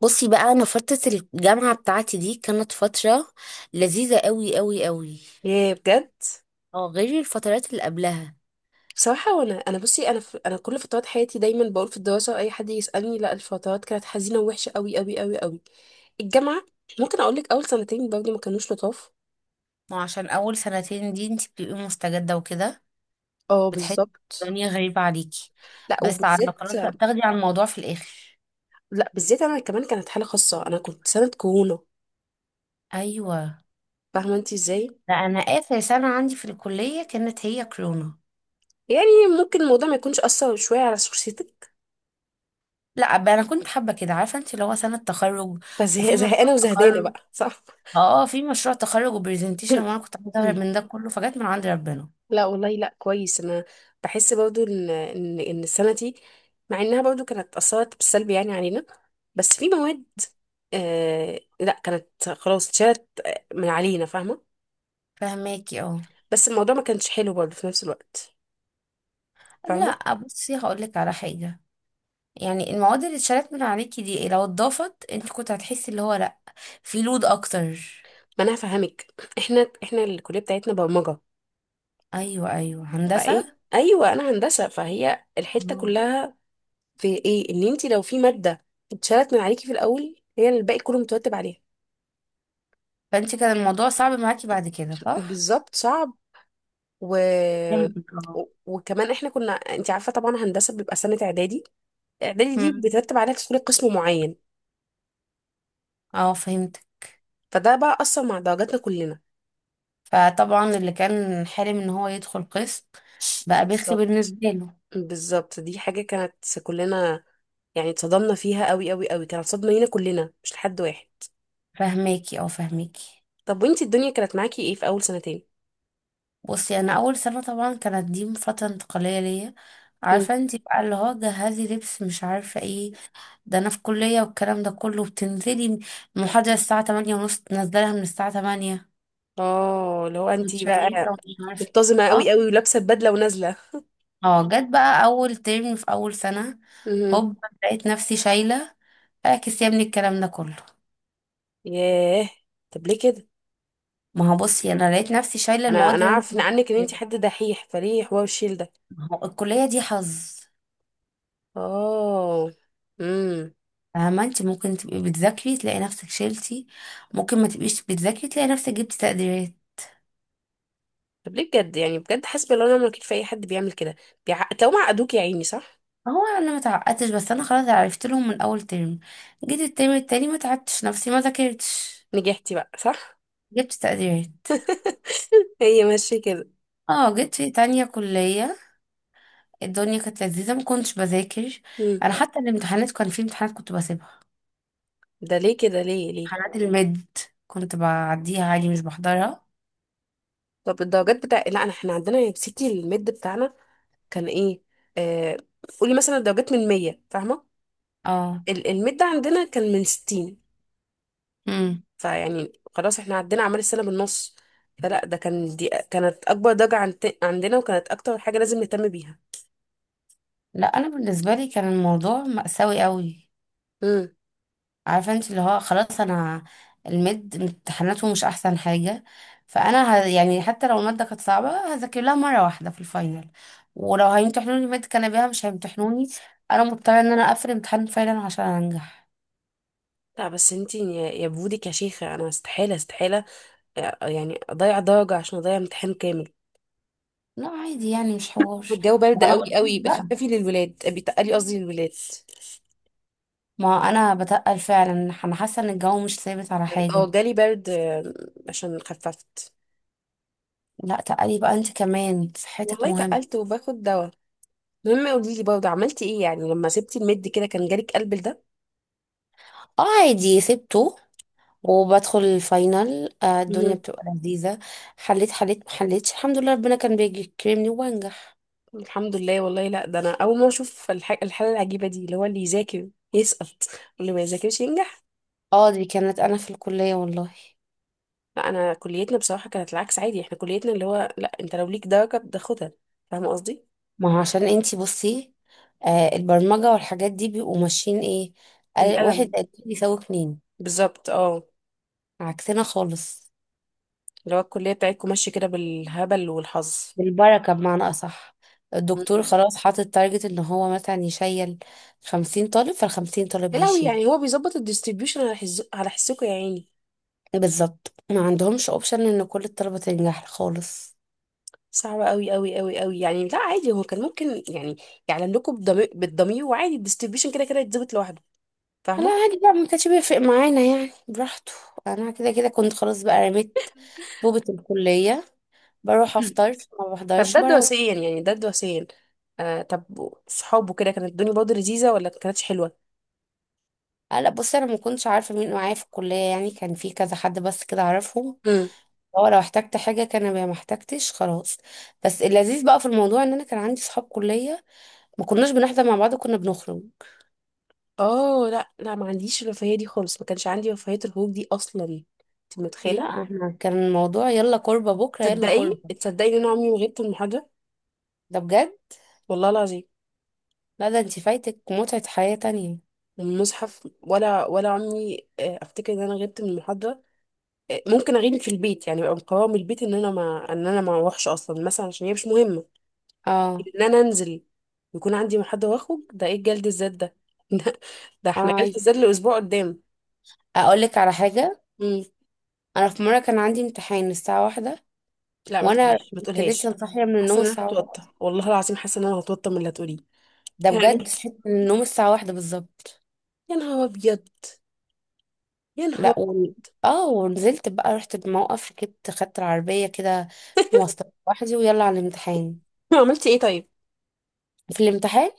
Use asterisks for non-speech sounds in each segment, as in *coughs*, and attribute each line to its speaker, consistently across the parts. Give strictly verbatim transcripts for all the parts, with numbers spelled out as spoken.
Speaker 1: بصي بقى، انا فترة الجامعة بتاعتي دي كانت فترة لذيذة قوي قوي قوي.
Speaker 2: ياه، بجد.
Speaker 1: اه، غير الفترات اللي قبلها.
Speaker 2: بصراحة وانا انا بصي انا في... انا كل فترات حياتي دايما بقول في الدراسة، اي حد يسألني، لا الفترات كانت حزينة ووحشة قوي قوي قوي قوي. الجامعة ممكن اقول لك اول سنتين برضه ما كانوش لطاف.
Speaker 1: ما هو عشان اول سنتين دي انت بتبقي مستجدة وكده،
Speaker 2: اه
Speaker 1: بتحسي
Speaker 2: بالظبط.
Speaker 1: الدنيا غريبة عليكي.
Speaker 2: لا
Speaker 1: بس على
Speaker 2: وبالذات.
Speaker 1: خلاص بقى، بتاخدي على الموضوع في الاخر.
Speaker 2: لا بالذات انا كمان كانت حالة خاصة، انا كنت سنة كورونا.
Speaker 1: ايوه.
Speaker 2: فاهمة انت ازاي؟
Speaker 1: لا، انا اخر سنة عندي في الكلية كانت هي كورونا.
Speaker 2: يعني ممكن الموضوع ما يكونش اثر شوية على شخصيتك.
Speaker 1: لا بقى، انا كنت حابة كده عارفة انت اللي هو سنة تخرج وفي مشروع
Speaker 2: فزهقانة وزهدانة
Speaker 1: تخرج.
Speaker 2: بقى، صح.
Speaker 1: اه آه، في مشروع تخرج وبرزنتيشن وانا كنت عايزة اهرب من ده
Speaker 2: *coughs*
Speaker 1: كله، فجت من عند ربنا.
Speaker 2: لا والله لا، كويس انا. بحس برضو ان ان ان السنه دي مع انها برضو كانت اثرت بالسلب يعني علينا، بس في مواد آه لا كانت خلاص اتشالت آه، من علينا، فاهمه.
Speaker 1: فهماكي اه.
Speaker 2: بس الموضوع ما كانش حلو برضو في نفس الوقت، فاهمه.
Speaker 1: لا بصي، هقول لك على حاجه. يعني المواد اللي اتشالت من عليكي دي لو اتضافت انت كنت هتحسي اللي هو لا، في لود اكتر.
Speaker 2: ما انا هفهمك. احنا احنا الكليه بتاعتنا برمجه،
Speaker 1: ايوه ايوه، هندسه.
Speaker 2: فاين ايوه انا هندسه، فهي الحته
Speaker 1: اه.
Speaker 2: كلها في ايه ان انت لو في ماده اتشالت من عليكي في الاول، هي الباقي كله مترتب عليها.
Speaker 1: فانت كان الموضوع صعب معاكي بعد كده صح؟
Speaker 2: بالظبط صعب. و...
Speaker 1: فهمتك اه.
Speaker 2: و- وكمان احنا كنا انت عارفه طبعا هندسه بيبقى سنه اعدادي، اعدادي دي
Speaker 1: مم.
Speaker 2: بترتب عليها تدخلي قسم معين.
Speaker 1: اه فهمت.
Speaker 2: فده بقى اثر مع درجاتنا كلنا.
Speaker 1: فطبعا اللي كان حلم ان هو يدخل قسم بقى بيخي
Speaker 2: بالظبط.
Speaker 1: بالنسبه له.
Speaker 2: بالظبط دي حاجه كانت كلنا يعني اتصدمنا فيها قوي قوي قوي، كانت صدمه لينا كلنا مش لحد واحد.
Speaker 1: فهماكي، او فهماكي.
Speaker 2: طب وانت الدنيا كانت معاكي ايه في اول سنتين؟
Speaker 1: بصي، انا اول سنه طبعا كانت دي فتره انتقاليه ليا. عارفه
Speaker 2: مم.
Speaker 1: انت بقى اللي هو جهزي لبس مش عارفه ايه. ده انا في كلية والكلام ده كله، بتنزلي المحاضرة الساعة ثمانية ونص تنزلها من الساعة الثامنة،
Speaker 2: اه اللي هو انت
Speaker 1: متشيكة
Speaker 2: بقى
Speaker 1: ومش عارفة.
Speaker 2: متزنه
Speaker 1: اه
Speaker 2: قوي قوي ولابسه البدله ونازله.
Speaker 1: اه جت بقى اول ترم في اول سنة،
Speaker 2: مهم.
Speaker 1: هوب لقيت نفسي شايلة. اعكس يا ابني الكلام ده كله.
Speaker 2: ياه، طب ليه كده؟
Speaker 1: ما هو بصي، انا لقيت نفسي شايلة
Speaker 2: انا
Speaker 1: المواد
Speaker 2: انا
Speaker 1: اللي أنا-
Speaker 2: عارف إن عنك ان انت
Speaker 1: كنت-
Speaker 2: حد دحيح، فليه حوار الشيل ده؟
Speaker 1: ما هو الكلية دي حظ.
Speaker 2: اه، امم.
Speaker 1: فاهمة انت؟ ممكن تبقي بتذاكري تلاقي نفسك شلتي، ممكن ما تبقيش بتذاكري تلاقي نفسك جبتي تقديرات.
Speaker 2: طب ليه بجد؟ يعني بجد حسبي الله ونعم الوكيل في اي حد بيعمل كده. بيع... لو معقدوك يا عيني، صح.
Speaker 1: هو انا ما تعقدتش، بس انا خلاص عرفت لهم من اول ترم. جيت الترم التاني ما تعبتش نفسي، ما ذاكرتش،
Speaker 2: نجحتي بقى، صح.
Speaker 1: جبت تقديرات.
Speaker 2: *laughs* هي ماشيه كده.
Speaker 1: اه جيت في تانية كلية، الدنيا كانت لذيذة، ما كنتش بذاكر.
Speaker 2: امم.
Speaker 1: انا حتى الامتحانات، كان في امتحانات كنت بسيبها.
Speaker 2: ده ليه كده؟ ليه ليه؟
Speaker 1: امتحانات المد كنت بعديها عادي، مش بحضرها.
Speaker 2: طب الدرجات بتاع، لا انا احنا عندنا يا ستي الميد بتاعنا كان ايه؟ آه... قولي مثلا الدرجات من مية، فاهمه.
Speaker 1: اه.
Speaker 2: ال- الميد عندنا كان من ستين.
Speaker 1: امم.
Speaker 2: فيعني خلاص احنا عدينا اعمال السنه بالنص، فلا ده كان دي كانت اكبر درجه عن... عندنا، وكانت اكتر حاجه لازم نهتم بيها.
Speaker 1: لا انا بالنسبة لي كان الموضوع مأساوي قوي.
Speaker 2: امم.
Speaker 1: عارفه انت اللي هو خلاص، انا المد امتحاناته مش احسن حاجه. فانا ه... يعني حتى لو الماده كانت صعبه، هذاكر لها مره واحده في الفاينل. ولو هيمتحنوني ماده كان بيها، مش هيمتحنوني. انا مضطره ان انا اقفل امتحان الفاينل عشان انجح.
Speaker 2: لا بس انتي يا يا بودك يا شيخة، انا استحالة استحالة يعني اضيع درجة عشان اضيع امتحان كامل.
Speaker 1: لا عادي، يعني مش حوار.
Speaker 2: الجو برد
Speaker 1: ما انا
Speaker 2: قوي
Speaker 1: بقول
Speaker 2: قوي،
Speaker 1: بقى،
Speaker 2: بخففي للولاد، بيتقلي قصدي للولاد.
Speaker 1: ما انا بتقل فعلا. انا حاسه ان الجو مش ثابت على حاجه.
Speaker 2: اه جالي برد آم، عشان خففت.
Speaker 1: لا تقلي بقى، انت كمان صحتك
Speaker 2: والله
Speaker 1: مهم.
Speaker 2: تقلت وباخد دواء. المهم قولي لي برضه عملتي ايه يعني لما سبتي المد كده، كان جالك قلب ده؟
Speaker 1: اه عادي سبته، وبدخل الفاينل. آه، الدنيا
Speaker 2: مهم.
Speaker 1: بتبقى لذيذة. حليت حليت ما حليتش، الحمد لله ربنا كان بيكرمني وبنجح.
Speaker 2: الحمد لله والله. لا ده انا اول ما اشوف الح- الحالة العجيبة دي، اللي هو اللي يذاكر يسقط واللي ما يذاكرش ينجح.
Speaker 1: اه دي كانت انا في الكلية والله.
Speaker 2: لا انا كليتنا بصراحه كانت العكس عادي، احنا كليتنا اللي هو لا انت لو ليك درجه بتاخدها، فاهمه قصدي.
Speaker 1: ما هو عشان انتي بصي، آه البرمجة والحاجات دي بيبقوا ماشيين ايه، آه، واحد
Speaker 2: بالقلم،
Speaker 1: زائد اتنين يساوي اتنين.
Speaker 2: بالظبط اه.
Speaker 1: عكسنا خالص.
Speaker 2: اللي هو الكليه بتاعتكم ماشيه كده بالهبل والحظ.
Speaker 1: بالبركة بمعنى أصح. الدكتور
Speaker 2: مم.
Speaker 1: خلاص حاطط تارجت ان هو مثلا يشيل خمسين طالب، فالخمسين طالب
Speaker 2: يا لهوي،
Speaker 1: هيشيله.
Speaker 2: يعني هو بيظبط الديستريبيوشن على حز... على حسكم يا عيني.
Speaker 1: بالظبط، ما عندهمش اوبشن ان كل الطلبة تنجح خالص.
Speaker 2: صعبة قوي قوي قوي قوي يعني، لا عادي هو كان ممكن يعني يعلن لكم بالضمير، بالضمير، وعادي الديستريبيوشن كده كده يتظبط لوحده،
Speaker 1: لا
Speaker 2: فاهمة.
Speaker 1: عادي بقى، ما كانش بيفرق معانا يعني، براحته. انا كده كده كنت خلاص بقى رميت طوبة الكلية،
Speaker 2: *laughs*
Speaker 1: بروح
Speaker 2: *clears throat*
Speaker 1: افطر، ما
Speaker 2: طب
Speaker 1: بحضرش
Speaker 2: ده
Speaker 1: بروح.
Speaker 2: دراسيا، يعني ده دراسيا. آه طب صحابه كده كانت الدنيا برضه لذيذة ولا كانتش حلوة؟
Speaker 1: آه، لا بصي، انا ما كنتش عارفة مين معايا في الكلية، يعني كان في كذا حد بس كده اعرفهم. هو لو احتجت حاجة كان بيها، ما احتجتش خلاص. بس اللذيذ بقى في الموضوع ان انا كان عندي صحاب كلية، ما كناش بنحضر مع بعض، كنا بنخرج.
Speaker 2: اه لا لا، ما عنديش الرفاهيه دي خالص، ما كانش عندي رفاهيه الخروج دي اصلا، انت
Speaker 1: لا
Speaker 2: متخيله.
Speaker 1: احنا كان الموضوع يلا كوربة، بكرة يلا
Speaker 2: تصدقي
Speaker 1: كوربة.
Speaker 2: تصدقي ان انا عمري ما غبت من محاضره.
Speaker 1: ده بجد.
Speaker 2: والله العظيم
Speaker 1: لا ده انت فايتك متعة حياة تانية.
Speaker 2: من المصحف، ولا ولا عمري آه، افتكر ان انا غبت من المحاضره. آه، ممكن اغيب في البيت، يعني ابقى مقرره من البيت ان انا ما ان انا ما اروحش اصلا مثلا عشان هي مش مهمه.
Speaker 1: اه.
Speaker 2: ان انا انزل يكون عندي محاضره واخرج، ده ايه جلد الذات ده؟ *laughs* ده, ده
Speaker 1: اه
Speaker 2: احنا جلد
Speaker 1: عادي.
Speaker 2: الذات لاسبوع قدام.
Speaker 1: اقول لك على حاجة.
Speaker 2: مم.
Speaker 1: انا في مره كان عندي امتحان الساعه واحدة،
Speaker 2: لا ما
Speaker 1: وانا
Speaker 2: تقوليش، ما
Speaker 1: كنت
Speaker 2: تقولهاش.
Speaker 1: لسه صاحيه من
Speaker 2: حاسه
Speaker 1: النوم
Speaker 2: ان انا
Speaker 1: الساعه واحدة.
Speaker 2: هتوتر، والله العظيم حاسه ان انا هتوتر من اللي هتقوليه.
Speaker 1: ده بجد،
Speaker 2: يعني
Speaker 1: صحيت من النوم الساعه واحدة بالظبط.
Speaker 2: يا نهار ابيض، يا
Speaker 1: لا
Speaker 2: نهار.
Speaker 1: و... اه ونزلت بقى، رحت الموقف ركبت خدت العربيه كده، مواصلات لوحدي ويلا على الامتحان.
Speaker 2: *laughs* عملتي ايه طيب؟
Speaker 1: في الامتحان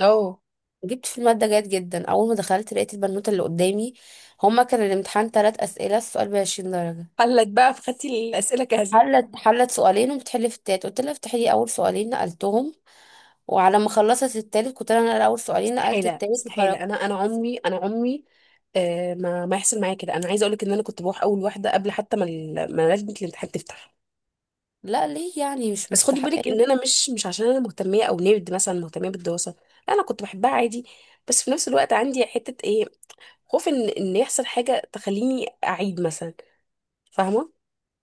Speaker 2: اه،
Speaker 1: جبت في الماده جيد جدا. اول ما دخلت لقيت البنوته اللي قدامي، هما كان الامتحان ثلاث اسئله، السؤال ب عشرين درجه.
Speaker 2: قال لك بقى، فخدتي الاسئله جاهزه.
Speaker 1: حلت حلت سؤالين وبتحل في التالت، قلت لها افتحي لي اول سؤالين نقلتهم. وعلى ما خلصت التالت كنت انا اقرا اول سؤالين، نقلت
Speaker 2: مستحيله
Speaker 1: التالت
Speaker 2: مستحيله،
Speaker 1: وخرجت.
Speaker 2: انا انا عمري انا عمري آه ما ما يحصل معايا كده. انا عايزه اقول لك ان انا كنت بروح اول واحده قبل حتى ما ال- ما لجنه الامتحان تفتح.
Speaker 1: لا ليه يعني؟ مش
Speaker 2: بس خدي بالك ان
Speaker 1: مستحقين.
Speaker 2: انا مش مش عشان انا مهتميه او نيرد مثلا مهتميه بالدراسه، لا انا كنت بحبها عادي، بس في نفس الوقت عندي حته ايه، خوف ان ان يحصل حاجه تخليني اعيد مثلا، فاهمه.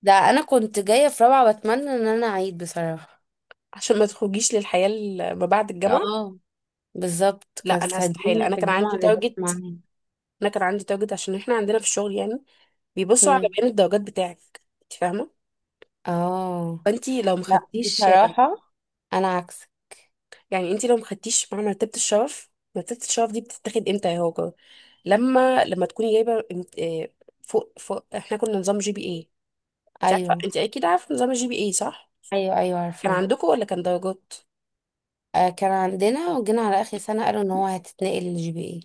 Speaker 1: ده انا كنت جايه في رابعه بتمنى ان انا اعيد بصراحه.
Speaker 2: عشان ما تخرجيش للحياه ال- ما بعد الجامعه.
Speaker 1: اه بالظبط،
Speaker 2: لا انا
Speaker 1: كانت
Speaker 2: استحيل،
Speaker 1: الدنيا
Speaker 2: انا
Speaker 1: في
Speaker 2: كان
Speaker 1: الجامعه
Speaker 2: عندي
Speaker 1: لذيذ
Speaker 2: تارجت،
Speaker 1: معايا.
Speaker 2: انا كان عندي تارجت عشان احنا عندنا في الشغل يعني بيبصوا على
Speaker 1: مم.
Speaker 2: بيان الدرجات بتاعك، انت فاهمه.
Speaker 1: اه.
Speaker 2: فانتي لو
Speaker 1: لا
Speaker 2: مخدتيش،
Speaker 1: بصراحه، انا عكسك.
Speaker 2: يعني انتي لو مخدتيش مع مرتبه الشرف، مرتبه الشرف دي بتتاخد امتى يا هاجر؟ لما لما تكوني جايبه امت- آه، فوق فوق. احنا كنا نظام جي بي اي، انت
Speaker 1: ايوه،
Speaker 2: عارفه، انت اكيد عارفه نظام الجي بي اي، صح؟
Speaker 1: ايوه ايوه
Speaker 2: كان
Speaker 1: عارفاه.
Speaker 2: عندكم ولا كان درجات؟
Speaker 1: آه كان عندنا، وجينا على اخر سنه قالوا ان هو هتتنقل للجي بي اي.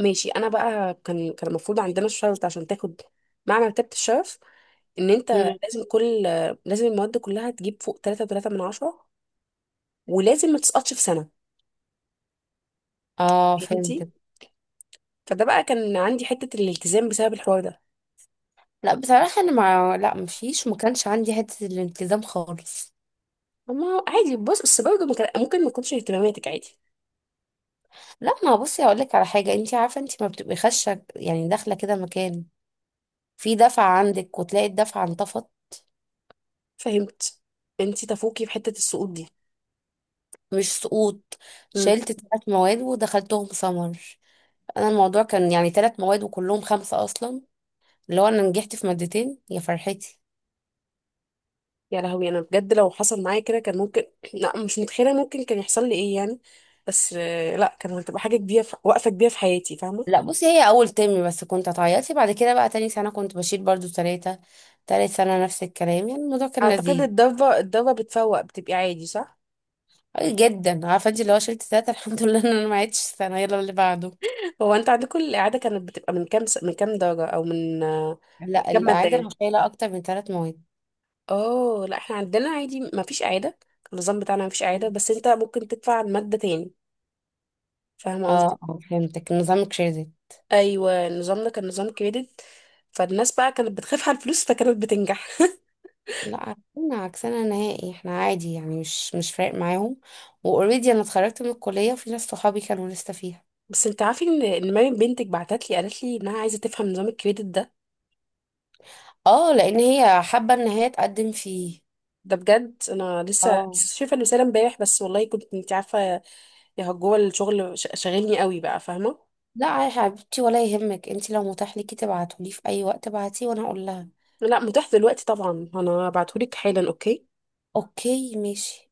Speaker 2: ماشي. انا بقى كان كان المفروض عندنا الشرط عشان تاخد مع مرتبه الشرف ان انت
Speaker 1: مم.
Speaker 2: لازم كل، لازم المواد كلها تجيب فوق ثلاثة فاصلة ثلاثة من عشرة، ولازم ما تسقطش في سنة،
Speaker 1: اه فهمت.
Speaker 2: فهمتي. فده بقى كان عندي حتة الالتزام بسبب الحوار ده.
Speaker 1: لا بصراحه، انا ما لا مفيش، ما كانش عندي حته الالتزام خالص.
Speaker 2: ما هو عادي، بص بس برضه ما كان- ممكن ما تكونش اهتماماتك، عادي.
Speaker 1: لا ما بصي، هقول لك على حاجه. انت عارفه انت ما بتبقي خشه يعني داخله كده مكان، في دفعة عندك وتلاقي الدفعة انطفت.
Speaker 2: فهمت. انتي تفوقي في حتة السقوط دي.
Speaker 1: مش سقوط،
Speaker 2: امم.
Speaker 1: شلت ثلاث مواد ودخلتهم سمر. انا الموضوع كان يعني ثلاث مواد وكلهم خمسة اصلا، اللي هو انا نجحت في مادتين يا فرحتي.
Speaker 2: يا لهوي، انا بجد لو حصل معايا كده كان ممكن *clears throat* لا مش متخيلة ممكن كان يحصل لي ايه يعني، بس آه، لا كان هتبقى حاجة كبيرة في... وقفة كبيرة في حياتي، فاهمة.
Speaker 1: لا بصي، هي اول ترم بس كنت اتعيطي، بعد كده بقى تاني سنة كنت بشيل برضو ثلاثة، تالت سنة نفس الكلام، يعني الموضوع كان
Speaker 2: اعتقد
Speaker 1: لذيذ.
Speaker 2: الضربة، الضربة بتفوق بتبقي عادي، صح.
Speaker 1: أي جدا، عارفة انت اللي هو شلت ثلاثة *laughs* الحمد لله ان انا ما عدتش السنة يلا اللي بعده.
Speaker 2: هو انت عندكم الإعادة كانت بتبقى من كام س... من كام درجة أو من آه، من
Speaker 1: لا
Speaker 2: كام مادة
Speaker 1: الإعادة أنا
Speaker 2: يعني؟
Speaker 1: شايلة أكتر من ثلاث مواد.
Speaker 2: اه لا احنا عندنا عادي ما فيش إعادة، النظام بتاعنا ما فيش إعادة، بس انت ممكن تدفع عن مادة تاني، فاهمة قصدي؟
Speaker 1: اه آه، فهمتك، نظام كريدت.
Speaker 2: أيوة نظامنا كان نظام كريدت، فالناس بقى كانت بتخاف على الفلوس فكانت بتنجح.
Speaker 1: لا عكسنا، عكسنا نهائي، احنا عادي يعني، مش مش فارق معاهم. واوريدي انا اتخرجت من الكلية وفي ناس صحابي كانوا لسه فيها.
Speaker 2: *laughs* بس انت عارفة ان ان مريم بنتك بعتت لي قالت لي انها عايزة تفهم نظام الكريدت ده.
Speaker 1: اه لان هي حابة ان هي تقدم فيه.
Speaker 2: ده بجد انا لسه
Speaker 1: اه.
Speaker 2: لسه شايفه الرساله امبارح بس، والله كنت انت عارفه يا جوه الشغل ش- شاغلني قوي بقى، فاهمه.
Speaker 1: لا يا حبيبتي، ولا يهمك، انت لو متاح ليكي تبعتولي في اي وقت ابعتيه وانا اقول لها.
Speaker 2: لا متاح دلوقتي طبعا، انا هبعتهولك حالا، اوكي.
Speaker 1: اوكي ماشي.